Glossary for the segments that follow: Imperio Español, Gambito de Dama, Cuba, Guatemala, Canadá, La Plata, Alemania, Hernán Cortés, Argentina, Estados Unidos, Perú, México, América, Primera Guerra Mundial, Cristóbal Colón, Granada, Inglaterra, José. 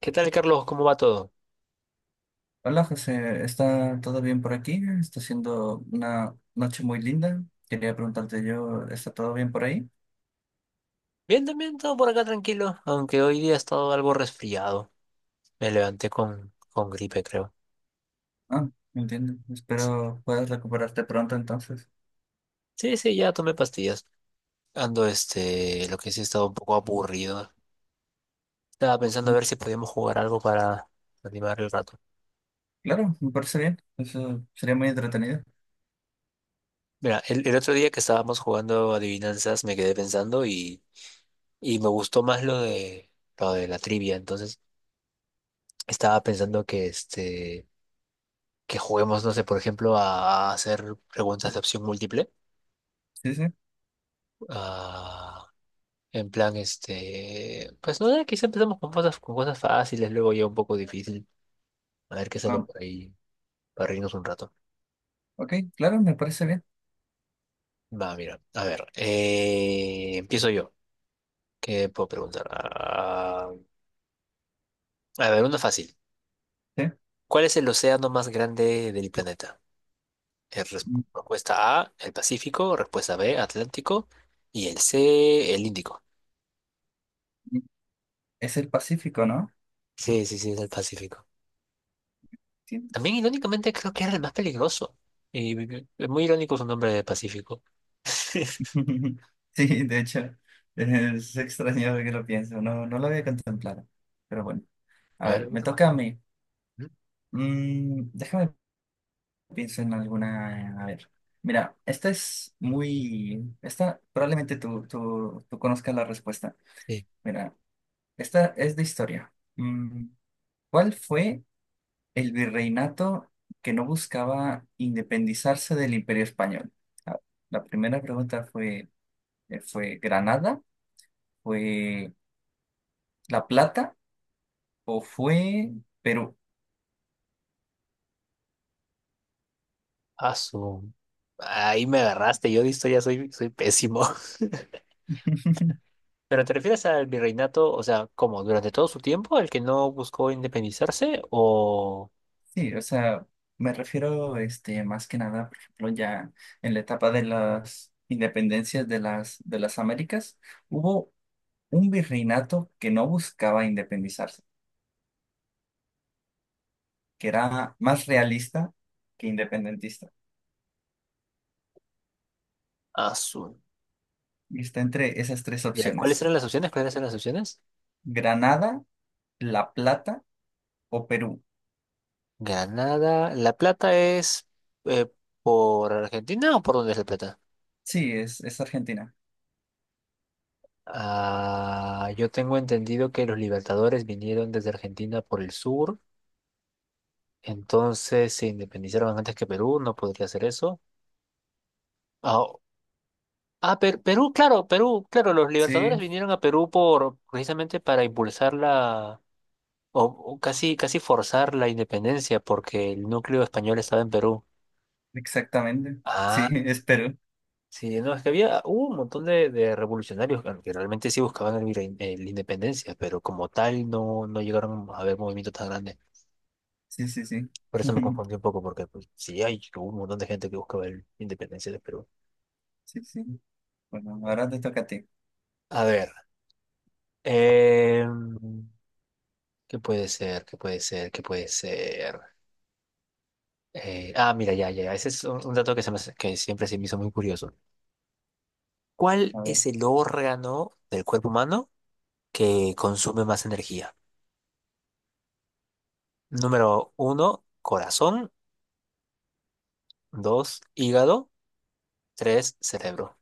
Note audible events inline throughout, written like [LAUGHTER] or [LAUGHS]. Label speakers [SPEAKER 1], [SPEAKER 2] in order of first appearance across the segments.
[SPEAKER 1] ¿Qué tal, Carlos? ¿Cómo va todo?
[SPEAKER 2] Hola José, ¿está todo bien por aquí? Está siendo una noche muy linda. Quería preguntarte yo, ¿está todo bien por ahí?
[SPEAKER 1] Bien, también todo por acá tranquilo, aunque hoy día he estado algo resfriado. Me levanté con gripe, creo.
[SPEAKER 2] Ah, entiendo. Espero puedas recuperarte pronto entonces.
[SPEAKER 1] Sí, sí, ya tomé pastillas. Ando, lo que sí he estado un poco aburrido. Estaba pensando a
[SPEAKER 2] Mm.
[SPEAKER 1] ver si podíamos jugar algo para animar el rato.
[SPEAKER 2] Claro, me parece bien. Eso sería muy entretenido.
[SPEAKER 1] Mira, el otro día que estábamos jugando adivinanzas me quedé pensando y me gustó más lo de la trivia. Entonces estaba pensando que, que juguemos, no sé, por ejemplo, a hacer preguntas de opción múltiple.
[SPEAKER 2] Sí, sí.
[SPEAKER 1] Ah. En plan, pues no, quizá empezamos con cosas fáciles, luego ya un poco difícil. A ver qué sale
[SPEAKER 2] Ah,
[SPEAKER 1] por ahí para reírnos un rato.
[SPEAKER 2] ok, claro, me parece bien.
[SPEAKER 1] Va, mira, a ver, empiezo yo. ¿Qué puedo preguntar? Ah, a ver, uno fácil.
[SPEAKER 2] Sí.
[SPEAKER 1] ¿Cuál es el océano más grande del planeta? Eh, res-
[SPEAKER 2] Mm,
[SPEAKER 1] Respuesta A, el Pacífico, respuesta B, Atlántico, y el C, el Índico.
[SPEAKER 2] mm. Es el Pacífico, ¿no?
[SPEAKER 1] Sí, sí, sí, es el Pacífico.
[SPEAKER 2] Sí.
[SPEAKER 1] También irónicamente creo que era el más peligroso. Es muy irónico su nombre de Pacífico. [LAUGHS]
[SPEAKER 2] [LAUGHS] Sí, de hecho, es extraño que lo pienso. No, no lo había contemplado. Pero bueno, a
[SPEAKER 1] A ver,
[SPEAKER 2] ver, me
[SPEAKER 1] Superman.
[SPEAKER 2] toca a mí.
[SPEAKER 1] ¿Mm?
[SPEAKER 2] Déjame. Pienso en alguna. A ver. Mira, esta es muy. Esta probablemente tú conozcas la respuesta.
[SPEAKER 1] Sí.
[SPEAKER 2] Mira, esta es de historia. ¿Cuál fue el virreinato que no buscaba independizarse del Imperio Español? Ah, La primera pregunta fue: ¿fue Granada? ¿Fue La Plata? ¿O fue Perú?
[SPEAKER 1] Ah, su- Ahí me agarraste, yo de historia soy pésimo. [LAUGHS]
[SPEAKER 2] [LAUGHS]
[SPEAKER 1] ¿Pero te refieres al virreinato, o sea, como durante todo su tiempo, el que no buscó independizarse o
[SPEAKER 2] Sí, o sea, me refiero este, más que nada, por ejemplo, ya en la etapa de las independencias de de las Américas, hubo un virreinato que no buscaba independizarse, que era más realista que independentista.
[SPEAKER 1] Azul?
[SPEAKER 2] Y está entre esas tres
[SPEAKER 1] Ya, ¿cuáles
[SPEAKER 2] opciones:
[SPEAKER 1] eran las opciones? ¿Cuáles eran las opciones?
[SPEAKER 2] Granada, La Plata o Perú.
[SPEAKER 1] Granada, La Plata es, eh, ¿por Argentina o por dónde es La Plata?
[SPEAKER 2] Sí, es Argentina.
[SPEAKER 1] Ah, yo tengo entendido que los libertadores vinieron desde Argentina por el sur, entonces se independizaron antes que Perú, no podría ser eso. Ah. Perú, claro, los Libertadores
[SPEAKER 2] Sí,
[SPEAKER 1] vinieron a Perú por precisamente para impulsar la, o, o casi casi forzar la independencia porque el núcleo español estaba en Perú.
[SPEAKER 2] exactamente. Sí, [LAUGHS]
[SPEAKER 1] Ah,
[SPEAKER 2] es Perú.
[SPEAKER 1] sí, no, es que había hubo un montón de revolucionarios que realmente sí buscaban la independencia, pero como tal no, no llegaron a haber movimientos tan grandes.
[SPEAKER 2] Sí, sí, sí.
[SPEAKER 1] Por eso me confundí
[SPEAKER 2] [LAUGHS]
[SPEAKER 1] un poco porque pues, sí hay hubo un montón de gente que buscaba la independencia de Perú.
[SPEAKER 2] Sí, sí. Bueno, ahora te toca a ti.
[SPEAKER 1] A ver, em, ¿qué puede ser? ¿Qué puede ser? ¿Qué puede ser? Ah, mira, ya, ya, ya. Ese es un dato que siempre se me hizo muy curioso. ¿Cuál
[SPEAKER 2] A ver.
[SPEAKER 1] es el órgano del cuerpo humano que consume más energía? Número uno, corazón. Dos, hígado. Tres, cerebro.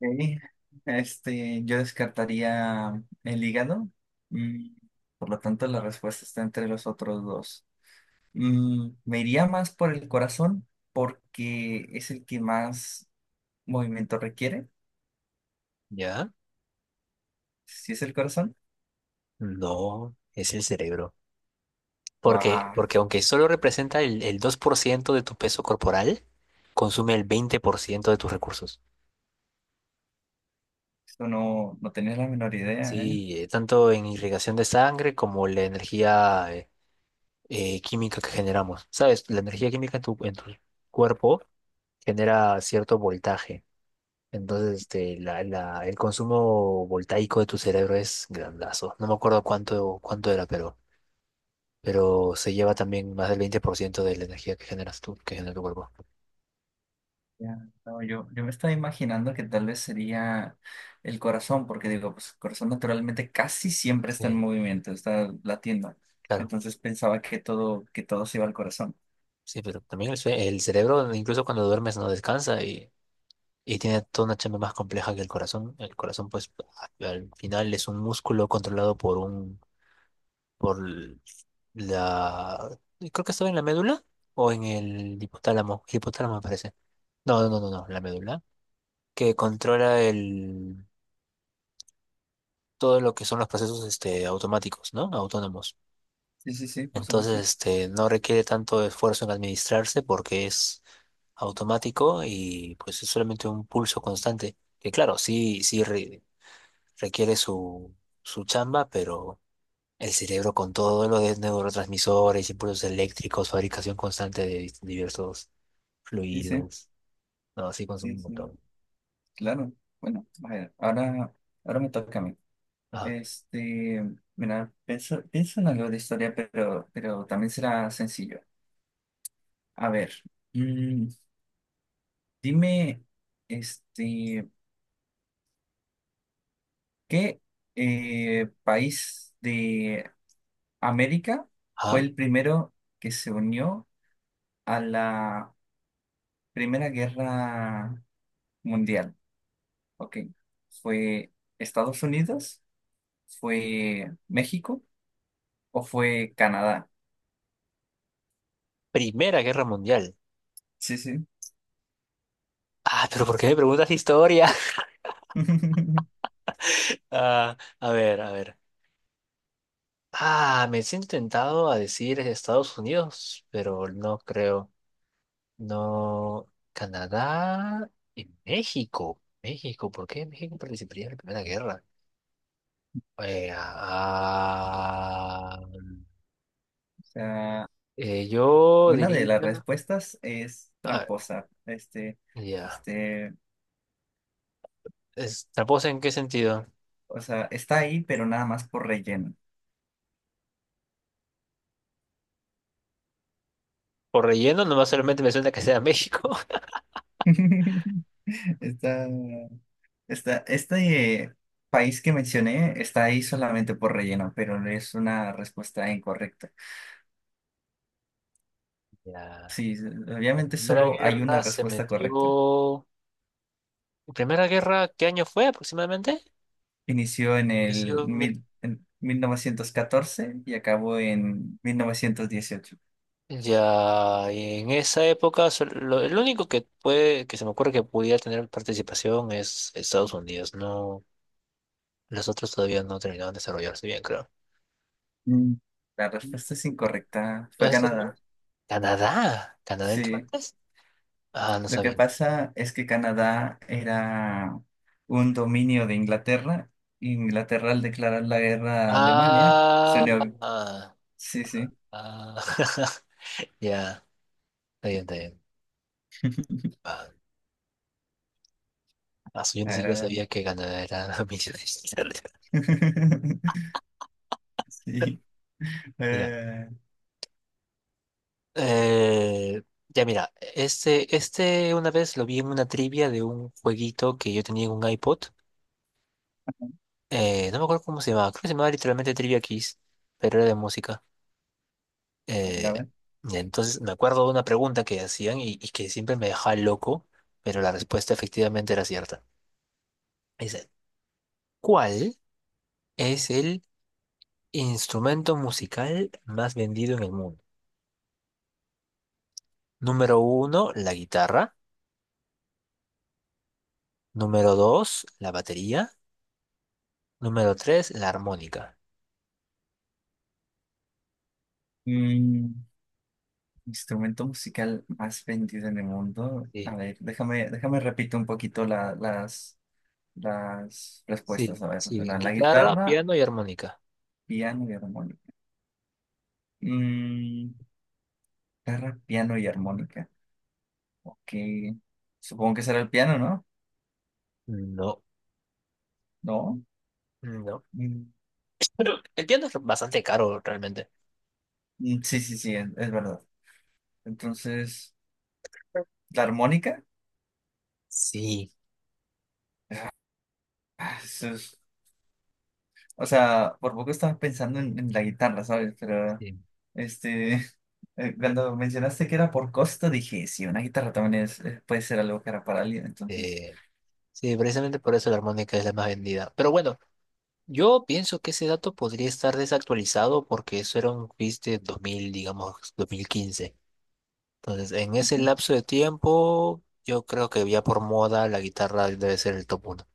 [SPEAKER 2] Ok, este, yo descartaría el hígado. Mm, Por lo tanto, la respuesta está entre los otros dos. Me iría más por el corazón porque es el que más movimiento requiere.
[SPEAKER 1] ¿Ya?
[SPEAKER 2] Si es el corazón,
[SPEAKER 1] No, es el cerebro. Porque,
[SPEAKER 2] wow.
[SPEAKER 1] porque aunque solo representa el 2% de tu peso corporal, consume el 20% de tus recursos.
[SPEAKER 2] Eso no, no tenía la menor idea, eh.
[SPEAKER 1] Sí, tanto en irrigación de sangre como la energía química que generamos. Sabes, la energía química en tu cuerpo genera cierto voltaje. Entonces, el consumo voltaico de tu cerebro es grandazo. No me acuerdo cuánto, cuánto era, pero se lleva también más del 20% de la energía que generas tú, que genera tu cuerpo.
[SPEAKER 2] Ya, no, yo me estaba imaginando que tal vez sería el corazón, porque digo, pues el corazón naturalmente casi siempre está en
[SPEAKER 1] Sí,
[SPEAKER 2] movimiento, está latiendo.
[SPEAKER 1] claro.
[SPEAKER 2] Entonces pensaba que todo se iba al corazón.
[SPEAKER 1] Sí, pero también el cerebro, incluso cuando duermes, no descansa y tiene toda una chamba más compleja que el corazón. El corazón, pues, al final es un músculo controlado por un por l- la... Creo que estaba en la médula o en el hipotálamo. Hipotálamo me parece. No, no, no, no, no, la médula. Que controla el... todo lo que son los procesos, automáticos, ¿no? Autónomos.
[SPEAKER 2] Sí, sí, sí, por
[SPEAKER 1] Entonces,
[SPEAKER 2] supuesto.
[SPEAKER 1] no requiere tanto esfuerzo en administrarse porque es automático y pues es solamente un pulso constante. Que claro, sí, sí requiere su chamba, pero... El cerebro con todo lo de neurotransmisores, impulsos eléctricos, fabricación constante de diversos
[SPEAKER 2] Sí, sí,
[SPEAKER 1] fluidos. No, sí consume
[SPEAKER 2] sí,
[SPEAKER 1] un
[SPEAKER 2] sí,
[SPEAKER 1] montón.
[SPEAKER 2] claro. Bueno, a ver, ahora, ahora me toca a mí.
[SPEAKER 1] Ajá.
[SPEAKER 2] Este, mira, pienso, pienso en algo de historia, pero también será sencillo. A ver, mm, dime, este. ¿Qué país de América fue
[SPEAKER 1] Ajá.
[SPEAKER 2] el primero que se unió a la Primera Guerra Mundial? Ok. ¿Fue Estados Unidos? ¿Fue México? ¿O fue Canadá?
[SPEAKER 1] Primera Guerra Mundial.
[SPEAKER 2] Sí, sí.
[SPEAKER 1] Ah, pero ¿por qué me preguntas historia? [LAUGHS]
[SPEAKER 2] [LAUGHS]
[SPEAKER 1] Ah, a ver, a ver. Ah, me siento tentado a decir Estados Unidos, pero no creo. No. Canadá y México. México, ¿por qué México participaría en la Primera Guerra? Eh, ah,
[SPEAKER 2] O sea,
[SPEAKER 1] Yo
[SPEAKER 2] una de
[SPEAKER 1] diría,
[SPEAKER 2] las respuestas es
[SPEAKER 1] ah,
[SPEAKER 2] tramposa. Este,
[SPEAKER 1] ya,
[SPEAKER 2] este,
[SPEAKER 1] ¿es tramposa en qué sentido?
[SPEAKER 2] o sea, está ahí, pero nada más por relleno.
[SPEAKER 1] Por relleno, nomás solamente me suena que sea México. [LAUGHS]
[SPEAKER 2] [LAUGHS] Está. Este país que mencioné está ahí solamente por relleno, pero no es una respuesta incorrecta.
[SPEAKER 1] Ya.
[SPEAKER 2] Sí,
[SPEAKER 1] En la
[SPEAKER 2] obviamente
[SPEAKER 1] Primera
[SPEAKER 2] solo hay una
[SPEAKER 1] Guerra se
[SPEAKER 2] respuesta correcta.
[SPEAKER 1] metió. ¿Primera Guerra qué año fue aproximadamente?
[SPEAKER 2] Inició en el
[SPEAKER 1] Inició mil-.
[SPEAKER 2] mil- en 1914 y acabó en 1918.
[SPEAKER 1] Ya, y en esa época, el único que puede, que se me ocurre que pudiera tener participación es Estados Unidos. No, los otros todavía no terminaron de desarrollarse bien, creo.
[SPEAKER 2] Mm. La
[SPEAKER 1] ¿No
[SPEAKER 2] respuesta es incorrecta.
[SPEAKER 1] es
[SPEAKER 2] Fue
[SPEAKER 1] Estados
[SPEAKER 2] Canadá.
[SPEAKER 1] Unidos? Canadá. ¿Canadá entró
[SPEAKER 2] Sí.
[SPEAKER 1] antes? Ah, no
[SPEAKER 2] Lo que
[SPEAKER 1] sabía.
[SPEAKER 2] pasa es que Canadá era un dominio de Inglaterra. Inglaterra al declarar la guerra a Alemania se
[SPEAKER 1] Ah,
[SPEAKER 2] unió.
[SPEAKER 1] ah,
[SPEAKER 2] Sí, sí.
[SPEAKER 1] ah, [LAUGHS] ya, está bien, está bien.
[SPEAKER 2] [LAUGHS]
[SPEAKER 1] Ah, aso, yo ni siquiera
[SPEAKER 2] Era...
[SPEAKER 1] sabía que Canadá era [LAUGHS] millones.
[SPEAKER 2] [LAUGHS] Sí.
[SPEAKER 1] Mira,
[SPEAKER 2] Eh,
[SPEAKER 1] eh, ya mira, este una vez lo vi en una trivia de un jueguito que yo tenía en un iPod. No me acuerdo cómo se llamaba, creo que se llamaba literalmente Trivia Kiss, pero era de música.
[SPEAKER 2] a ver, a
[SPEAKER 1] Eh,
[SPEAKER 2] ver.
[SPEAKER 1] y entonces me acuerdo de una pregunta que hacían y que siempre me dejaba loco, pero la respuesta efectivamente era cierta. Dice, ¿cuál es el instrumento musical más vendido en el mundo? Número uno, la guitarra. Número dos, la batería. Número tres, la armónica.
[SPEAKER 2] Mm, instrumento musical más vendido en el mundo.
[SPEAKER 1] Sí,
[SPEAKER 2] A ver, déjame repito un poquito las respuestas.
[SPEAKER 1] sí,
[SPEAKER 2] A ver,
[SPEAKER 1] sí.
[SPEAKER 2] la
[SPEAKER 1] Guitarra,
[SPEAKER 2] guitarra,
[SPEAKER 1] piano y armónica.
[SPEAKER 2] piano y armónica. Mm, guitarra, piano y armónica. Ok. Supongo que será el piano, ¿no?
[SPEAKER 1] No,
[SPEAKER 2] ¿No?
[SPEAKER 1] no.
[SPEAKER 2] Mm,
[SPEAKER 1] Pero el piano es bastante caro realmente.
[SPEAKER 2] sí, sí, sí, es verdad. Entonces, ¿la armónica?
[SPEAKER 1] Sí,
[SPEAKER 2] O sea, por poco estaba pensando en la guitarra, ¿sabes? Pero,
[SPEAKER 1] sí.
[SPEAKER 2] este, [LAUGHS] cuando mencionaste que era por costo, dije, sí, una guitarra también es, puede ser algo que era para alguien, entonces,
[SPEAKER 1] eh, sí, precisamente por eso la armónica es la más vendida. Pero bueno, yo pienso que ese dato podría estar desactualizado porque eso era un quiz de dos mil, digamos, 2015. Entonces, en ese
[SPEAKER 2] dije,
[SPEAKER 1] lapso de tiempo, yo creo que ya por moda la guitarra debe ser el top uno.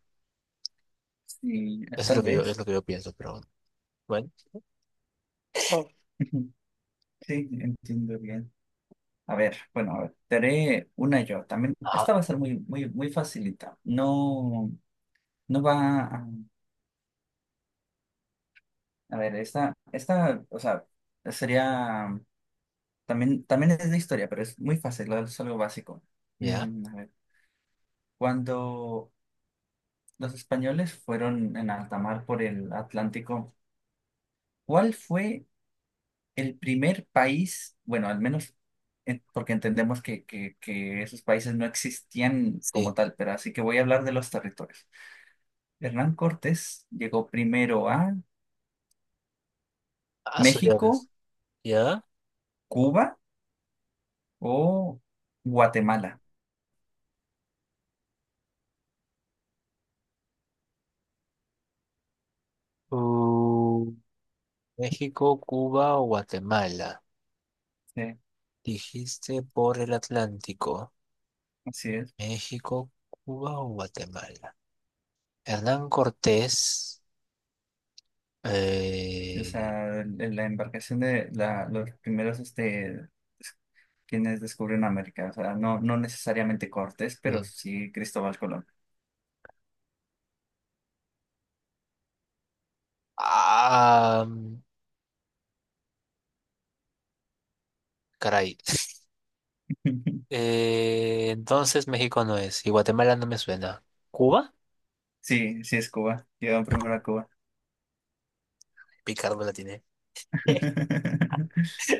[SPEAKER 2] sí,
[SPEAKER 1] Eso es
[SPEAKER 2] tal
[SPEAKER 1] es
[SPEAKER 2] vez.
[SPEAKER 1] lo que yo pienso, pero bueno. Bueno,
[SPEAKER 2] [LAUGHS] Sí, entiendo bien. A ver, bueno, a ver, te haré una yo. También,
[SPEAKER 1] ajá,
[SPEAKER 2] esta va a ser muy, muy, muy facilita. No, no va a, a ver, esta, o sea, sería, también, también es de historia, pero es muy fácil, es algo básico.
[SPEAKER 1] ya,
[SPEAKER 2] A ver. Cuando los españoles fueron en alta mar por el Atlántico, ¿cuál fue el primer país, bueno, al menos en- porque entendemos que, que esos países no existían como
[SPEAKER 1] sí.
[SPEAKER 2] tal, pero así que voy a hablar de los territorios? Hernán Cortés llegó primero a
[SPEAKER 1] Ya,
[SPEAKER 2] México,
[SPEAKER 1] ves. Ya.
[SPEAKER 2] Cuba o Guatemala.
[SPEAKER 1] Uh, México, Cuba o Guatemala.
[SPEAKER 2] Sí,
[SPEAKER 1] Dijiste por el Atlántico.
[SPEAKER 2] así es.
[SPEAKER 1] México, Cuba o Guatemala. Hernán Cortés.
[SPEAKER 2] Sí. O
[SPEAKER 1] eh,
[SPEAKER 2] sea, la embarcación de los primeros este, quienes descubren América. O sea, no, no necesariamente Cortés, pero
[SPEAKER 1] sí.
[SPEAKER 2] sí Cristóbal Colón.
[SPEAKER 1] Ah, caray.
[SPEAKER 2] [LAUGHS]
[SPEAKER 1] Entonces México no es, y Guatemala no me suena. ¿Cuba?
[SPEAKER 2] Sí, sí es Cuba. Llegaron primero a Cuba.
[SPEAKER 1] Picardo la tiene. [LAUGHS]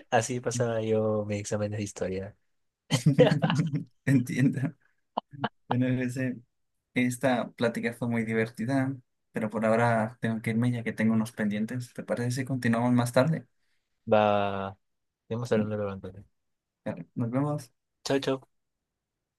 [SPEAKER 1] Así pasaba
[SPEAKER 2] [LAUGHS]
[SPEAKER 1] yo mis exámenes de historia. [LAUGHS]
[SPEAKER 2] Entiendo. Bueno, esta plática fue muy divertida, pero por ahora tengo que irme ya que tengo unos pendientes. ¿Te parece si continuamos más tarde?
[SPEAKER 1] Va, vamos hablando luego entonces.
[SPEAKER 2] Vale, nos vemos.
[SPEAKER 1] Chau, chau.